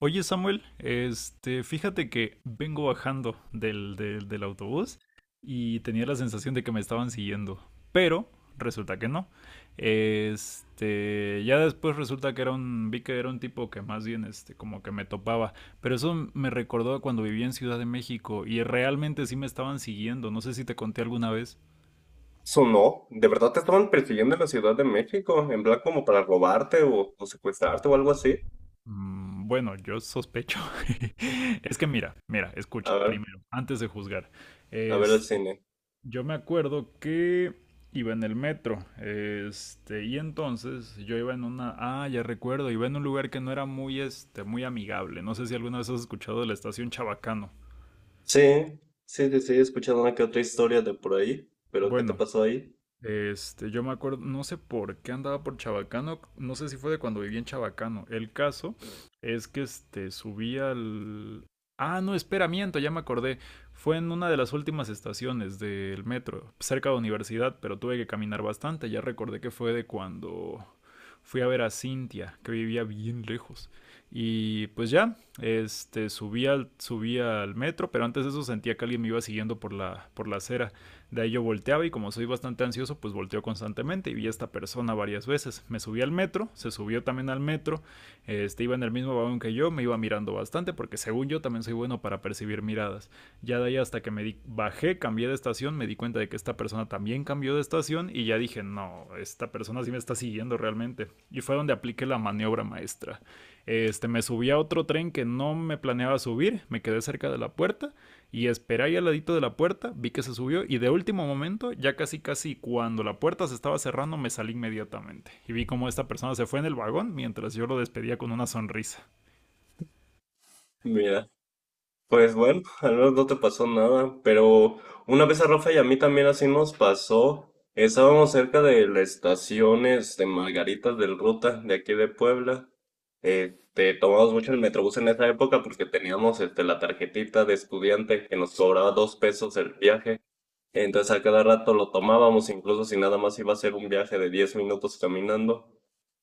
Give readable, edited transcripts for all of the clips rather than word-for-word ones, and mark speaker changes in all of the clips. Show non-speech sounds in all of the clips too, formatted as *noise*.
Speaker 1: Oye Samuel, fíjate que vengo bajando del autobús y tenía la sensación de que me estaban siguiendo, pero resulta que no. Ya después resulta que era vi que era un tipo que más bien, como que me topaba, pero eso me recordó a cuando vivía en Ciudad de México y realmente sí me estaban siguiendo, no sé si te conté alguna vez.
Speaker 2: Sonó, ¿de verdad te estaban persiguiendo en la Ciudad de México? En plan como para robarte o secuestrarte o algo así.
Speaker 1: Bueno, yo sospecho. *laughs* Es que mira, mira,
Speaker 2: A
Speaker 1: escucha,
Speaker 2: ver,
Speaker 1: primero, antes de juzgar.
Speaker 2: a ver el cine.
Speaker 1: Yo me acuerdo que iba en el metro, y entonces yo iba en una, ah, ya recuerdo, iba en un lugar que no era muy, muy amigable. No sé si alguna vez has escuchado de la estación Chabacano.
Speaker 2: Sí, sí, sí, sí, he escuchado una que otra historia de por ahí, pero ¿qué te
Speaker 1: Bueno,
Speaker 2: pasó ahí?
Speaker 1: Yo me acuerdo, no sé por qué andaba por Chabacano, no sé si fue de cuando vivía en Chabacano. El caso es que este subía al... Ah, no, espera, miento, ya me acordé. Fue en una de las últimas estaciones del metro, cerca de universidad, pero tuve que caminar bastante. Ya recordé que fue de cuando fui a ver a Cintia, que vivía bien lejos. Y pues ya, subí al metro, pero antes de eso sentía que alguien me iba siguiendo por por la acera. De ahí yo volteaba y como soy bastante ansioso, pues volteo constantemente y vi a esta persona varias veces. Me subí al metro, se subió también al metro, este iba en el mismo vagón que yo, me iba mirando bastante porque según yo también soy bueno para percibir miradas. Ya de ahí hasta que me di bajé, cambié de estación, me di cuenta de que esta persona también cambió de estación y ya dije, no, esta persona sí me está siguiendo realmente. Y fue donde apliqué la maniobra maestra. Me subí a otro tren que no me planeaba subir, me quedé cerca de la puerta y esperé ahí al ladito de la puerta, vi que se subió y de último momento, ya casi casi cuando la puerta se estaba cerrando, me salí inmediatamente. Y vi cómo esta persona se fue en el vagón mientras yo lo despedía con una sonrisa.
Speaker 2: Mira, pues bueno, *laughs* al menos no te pasó nada, pero una vez a Rafa y a mí también así nos pasó. Estábamos cerca de la estación de Margaritas del Ruta, de aquí de Puebla. Tomamos mucho el Metrobús en esa época porque teníamos la tarjetita de estudiante que nos cobraba 2 pesos el viaje. Entonces a cada rato lo tomábamos, incluso si nada más iba a ser un viaje de 10 minutos caminando.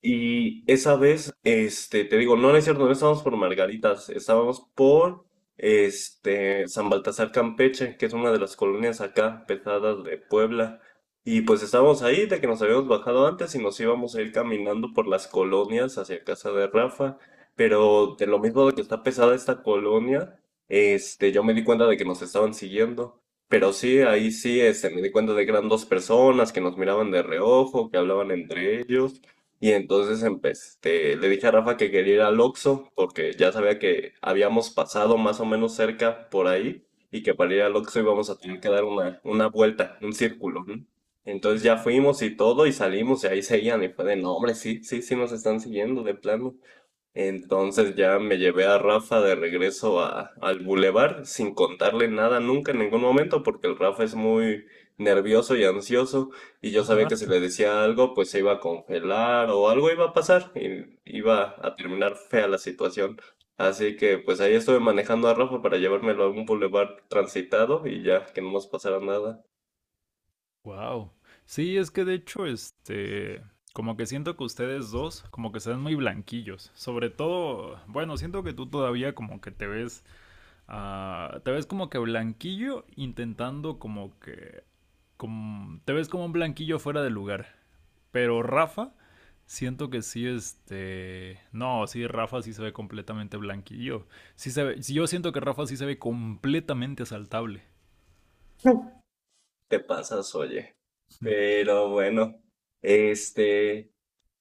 Speaker 2: Y esa vez, te digo, no, no es cierto, no estábamos por Margaritas, estábamos por, San Baltasar Campeche, que es una de las colonias acá pesadas de Puebla. Y pues estábamos ahí de que nos habíamos bajado antes y nos íbamos a ir caminando por las colonias hacia casa de Rafa. Pero de lo mismo de que está pesada esta colonia, yo me di cuenta de que nos estaban siguiendo. Pero sí, ahí sí, me di cuenta de que eran dos personas que nos miraban de reojo, que hablaban entre ellos. Y entonces le dije a Rafa que quería ir al Oxxo, porque ya sabía que habíamos pasado más o menos cerca por ahí, y que para ir al Oxxo íbamos a tener que dar una vuelta, un círculo, ¿no? Entonces ya
Speaker 1: Ujú.
Speaker 2: fuimos y todo, y salimos, y ahí seguían, y fue de, no, hombre, sí, sí, sí nos están siguiendo, de plano. Entonces ya me llevé a Rafa de regreso al bulevar sin contarle nada nunca en ningún momento porque el Rafa es muy nervioso y ansioso, y yo sabía que
Speaker 1: Ajá.
Speaker 2: si le decía algo pues se iba a congelar o algo iba a pasar y iba a terminar fea la situación. Así que pues ahí estuve manejando a Rafa para llevármelo a un bulevar transitado y ya que no nos pasara nada.
Speaker 1: Wow. Sí, es que de hecho, como que siento que ustedes dos como que se ven muy blanquillos. Sobre todo, bueno, siento que tú todavía como que te ves, ah, te ves como que blanquillo intentando como que, como, te ves como un blanquillo fuera de lugar. Pero Rafa, siento que sí, este. No, sí, Rafa sí se ve completamente blanquillo. Sí se ve... sí, yo siento que Rafa sí se ve completamente asaltable.
Speaker 2: Te pasas, oye. Pero bueno, este...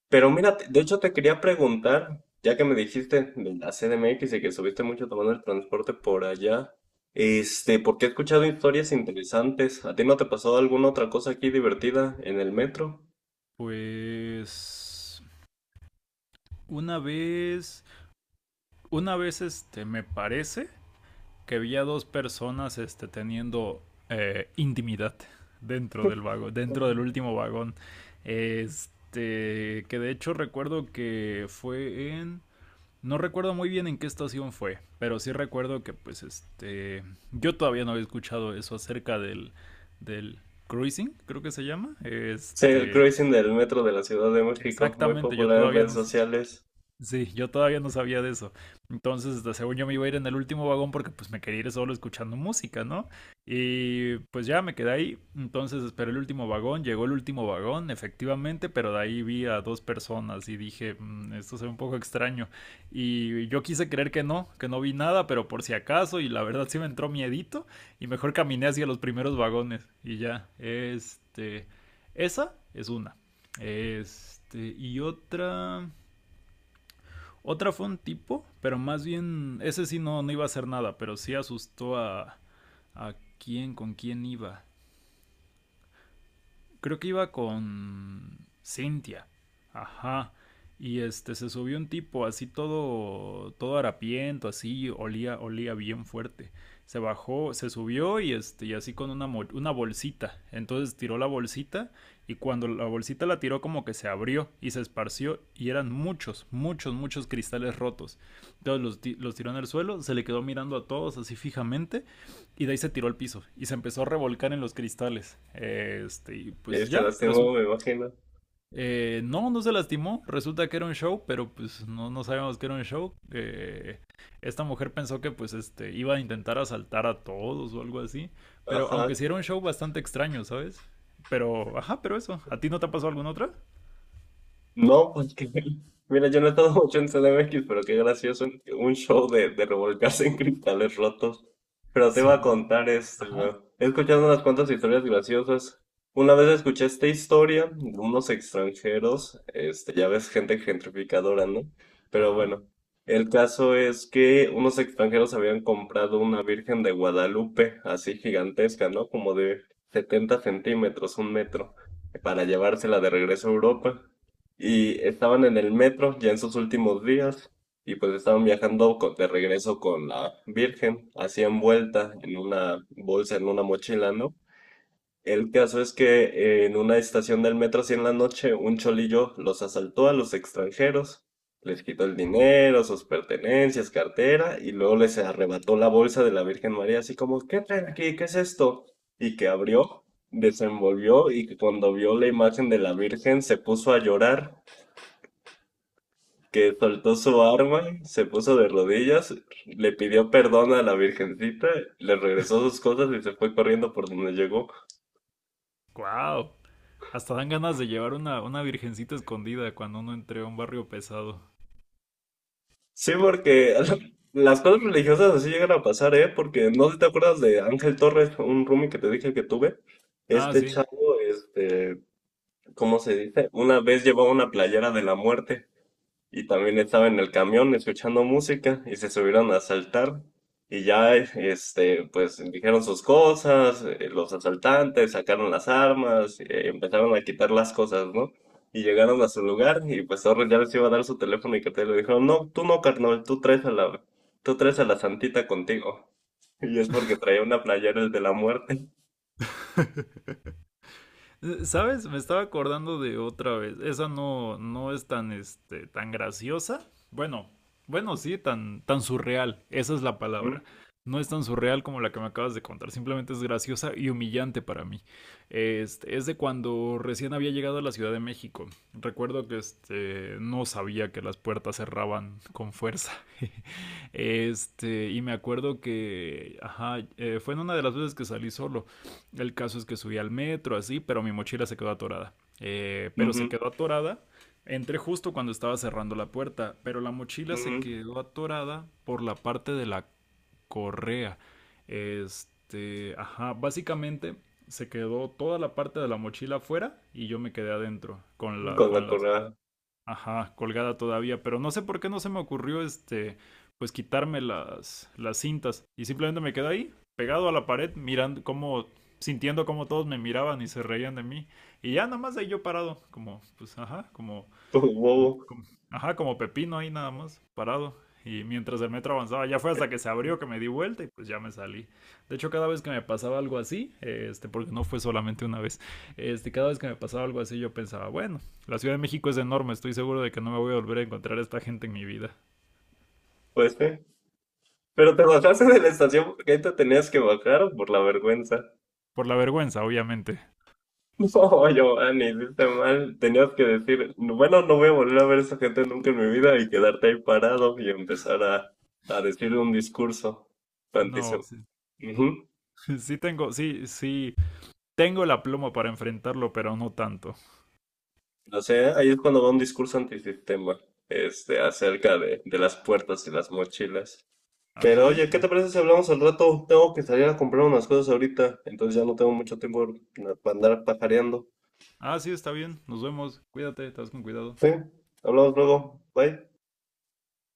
Speaker 2: Pero mira, de hecho te quería preguntar, ya que me dijiste de la CDMX y que subiste mucho tomando el transporte por allá, porque he escuchado historias interesantes. ¿A ti no te pasó alguna otra cosa aquí divertida en el metro?
Speaker 1: Pues. Una vez. Una vez, me parece que vi a dos personas este, teniendo intimidad dentro del vagón, dentro
Speaker 2: Ujú.
Speaker 1: del último vagón. Que de hecho recuerdo que fue en... No recuerdo muy bien en qué estación fue, pero sí recuerdo que pues este yo todavía no había escuchado eso acerca del cruising, creo que se llama.
Speaker 2: Sí, el cruising del metro de la Ciudad de México, muy
Speaker 1: Exactamente, yo
Speaker 2: popular en
Speaker 1: todavía
Speaker 2: redes
Speaker 1: no...
Speaker 2: sociales.
Speaker 1: Sí, yo todavía no sabía de eso. Entonces, según yo me iba a ir en el último vagón porque pues me quería ir solo escuchando música, ¿no? Y pues ya me quedé ahí. Entonces esperé el último vagón, llegó el último vagón, efectivamente, pero de ahí vi a dos personas y dije, "Mm, esto se ve un poco extraño. Y yo quise creer que no vi nada, pero por si acaso, y la verdad sí me entró miedito, y mejor caminé hacia los primeros vagones. Y ya, esa es una. Y otra... Otra fue un tipo, pero más bien, ese sí no, no iba a hacer nada, pero sí asustó a quién, con quién iba... creo que iba con Cynthia. Ajá. Y este se subió un tipo así todo harapiento, así olía bien fuerte. Se bajó, se subió y este y así con una bolsita. Entonces tiró la bolsita y cuando la bolsita la tiró como que se abrió y se esparció y eran muchos, muchos, muchos cristales rotos. Entonces los tiró en el suelo, se le quedó mirando a todos así fijamente y de ahí se tiró al piso y se empezó a revolcar en los cristales. Y
Speaker 2: ¿Eh,
Speaker 1: pues
Speaker 2: se
Speaker 1: ya,
Speaker 2: lastimó, me
Speaker 1: resulta.
Speaker 2: imagino?
Speaker 1: No, no se lastimó. Resulta que era un show, pero pues no, no sabíamos que era un show. Esta mujer pensó que pues este iba a intentar asaltar a todos o algo así. Pero
Speaker 2: Ajá.
Speaker 1: aunque sí era un show bastante extraño, ¿sabes? Pero, ajá, pero eso. ¿A ti no te ha pasado alguna otra?
Speaker 2: No, porque *laughs* mira, yo no he estado mucho en CDMX, pero qué gracioso un show de revolcarse en cristales rotos. Pero te iba a
Speaker 1: Sí.
Speaker 2: contar
Speaker 1: Ajá,
Speaker 2: ¿no? He escuchado unas cuantas historias graciosas. Una vez escuché esta historia de unos extranjeros, ya ves, gente gentrificadora, ¿no? Pero
Speaker 1: ajá.
Speaker 2: bueno, el caso es que unos extranjeros habían comprado una Virgen de Guadalupe, así gigantesca, ¿no? Como de 70 centímetros, un metro, para llevársela de regreso a Europa. Y estaban en el metro ya en sus últimos días, y pues estaban viajando de regreso con la Virgen, así envuelta en una bolsa, en una mochila, ¿no? El caso es que en una estación del metro, así en la noche, un cholillo los asaltó a los extranjeros, les quitó el dinero, sus pertenencias, cartera, y luego les arrebató la bolsa de la Virgen María, así como, ¿qué traen aquí? ¿Qué es esto? Y que abrió, desenvolvió, y que cuando vio la imagen de la Virgen se puso a llorar, que soltó su arma, se puso de rodillas, le pidió perdón a la Virgencita, le regresó sus cosas y se fue corriendo por donde llegó.
Speaker 1: Wow. Hasta dan ganas de llevar una virgencita escondida cuando uno entre a un barrio pesado.
Speaker 2: Sí, porque *laughs* las cosas religiosas así llegan a pasar, ¿eh? Porque no sé si te acuerdas de Ángel Torres, un roomie que te dije que tuve.
Speaker 1: Ah,
Speaker 2: Este
Speaker 1: sí.
Speaker 2: chavo, ¿cómo se dice? Una vez llevó una playera de la muerte. Y también estaba en el camión escuchando música y se subieron a asaltar. Y ya, pues dijeron sus cosas, los asaltantes sacaron las armas, empezaron a quitar las cosas, ¿no? Y llegaron a su lugar y pues Torres ya les iba a dar su teléfono y que te le dijeron, no, tú no, carnal, tú traes a la, tú traes a la santita contigo. *laughs* Y es porque traía una playera el de la muerte.
Speaker 1: ¿Sabes? Me estaba acordando de otra vez. Esa no, no es tan, tan graciosa. Bueno, bueno, sí, tan, tan surreal. Esa es la palabra.
Speaker 2: *laughs*
Speaker 1: No es tan surreal como la que me acabas de contar. Simplemente es graciosa y humillante para mí. Es de cuando recién había llegado a la Ciudad de México. Recuerdo que no sabía que las puertas cerraban con fuerza. *laughs* Y me acuerdo que ajá, fue en una de las veces que salí solo. El caso es que subí al metro, así, pero mi mochila se quedó atorada. Pero se
Speaker 2: Ujú,
Speaker 1: quedó atorada. Entré justo cuando estaba cerrando la puerta, pero la mochila se
Speaker 2: ujú,
Speaker 1: quedó atorada por la parte de la correa. Ajá, básicamente se quedó toda la parte de la mochila afuera y yo me quedé adentro con
Speaker 2: ujú, con
Speaker 1: con
Speaker 2: la
Speaker 1: las...
Speaker 2: correa,
Speaker 1: Ajá, colgada todavía, pero no sé por qué no se me ocurrió pues quitarme las cintas y simplemente me quedé ahí, pegado a la pared, mirando cómo, sintiendo cómo todos me miraban y se reían de mí y ya nada más ahí yo parado, como, pues ajá, como
Speaker 2: como bobo.
Speaker 1: como... ajá, como pepino ahí nada más, parado. Y mientras el metro avanzaba, ya fue hasta que se abrió que me di vuelta y pues ya me salí. De hecho, cada vez que me pasaba algo así, porque no fue solamente una vez, cada vez que me pasaba algo así yo pensaba, bueno, la Ciudad de México es enorme, estoy seguro de que no me voy a volver a encontrar a esta gente en mi vida.
Speaker 2: *laughs* Pues, sí. Pero ¿te bajaste de la estación porque ahí te tenías que bajar o por la vergüenza? *laughs*
Speaker 1: Por la vergüenza, obviamente.
Speaker 2: No, Giovanni, hiciste mal. Tenías que decir, bueno, no voy a volver a ver a esa gente nunca en mi vida y quedarte ahí parado y empezar a decir un discurso
Speaker 1: No,
Speaker 2: antisistema.
Speaker 1: sí, *laughs* sí tengo, sí, sí, tengo la pluma para enfrentarlo, pero no tanto.
Speaker 2: No sé, ahí es cuando va un discurso antisistema, acerca de las puertas y las mochilas. Pero
Speaker 1: Ándale.
Speaker 2: oye, ¿qué te parece si hablamos al rato? Tengo que salir a comprar unas cosas ahorita, entonces ya no tengo mucho tiempo para andar pajareando.
Speaker 1: Ah, sí, está bien. Nos vemos. Cuídate, estás con cuidado.
Speaker 2: Sí, hablamos luego. Bye.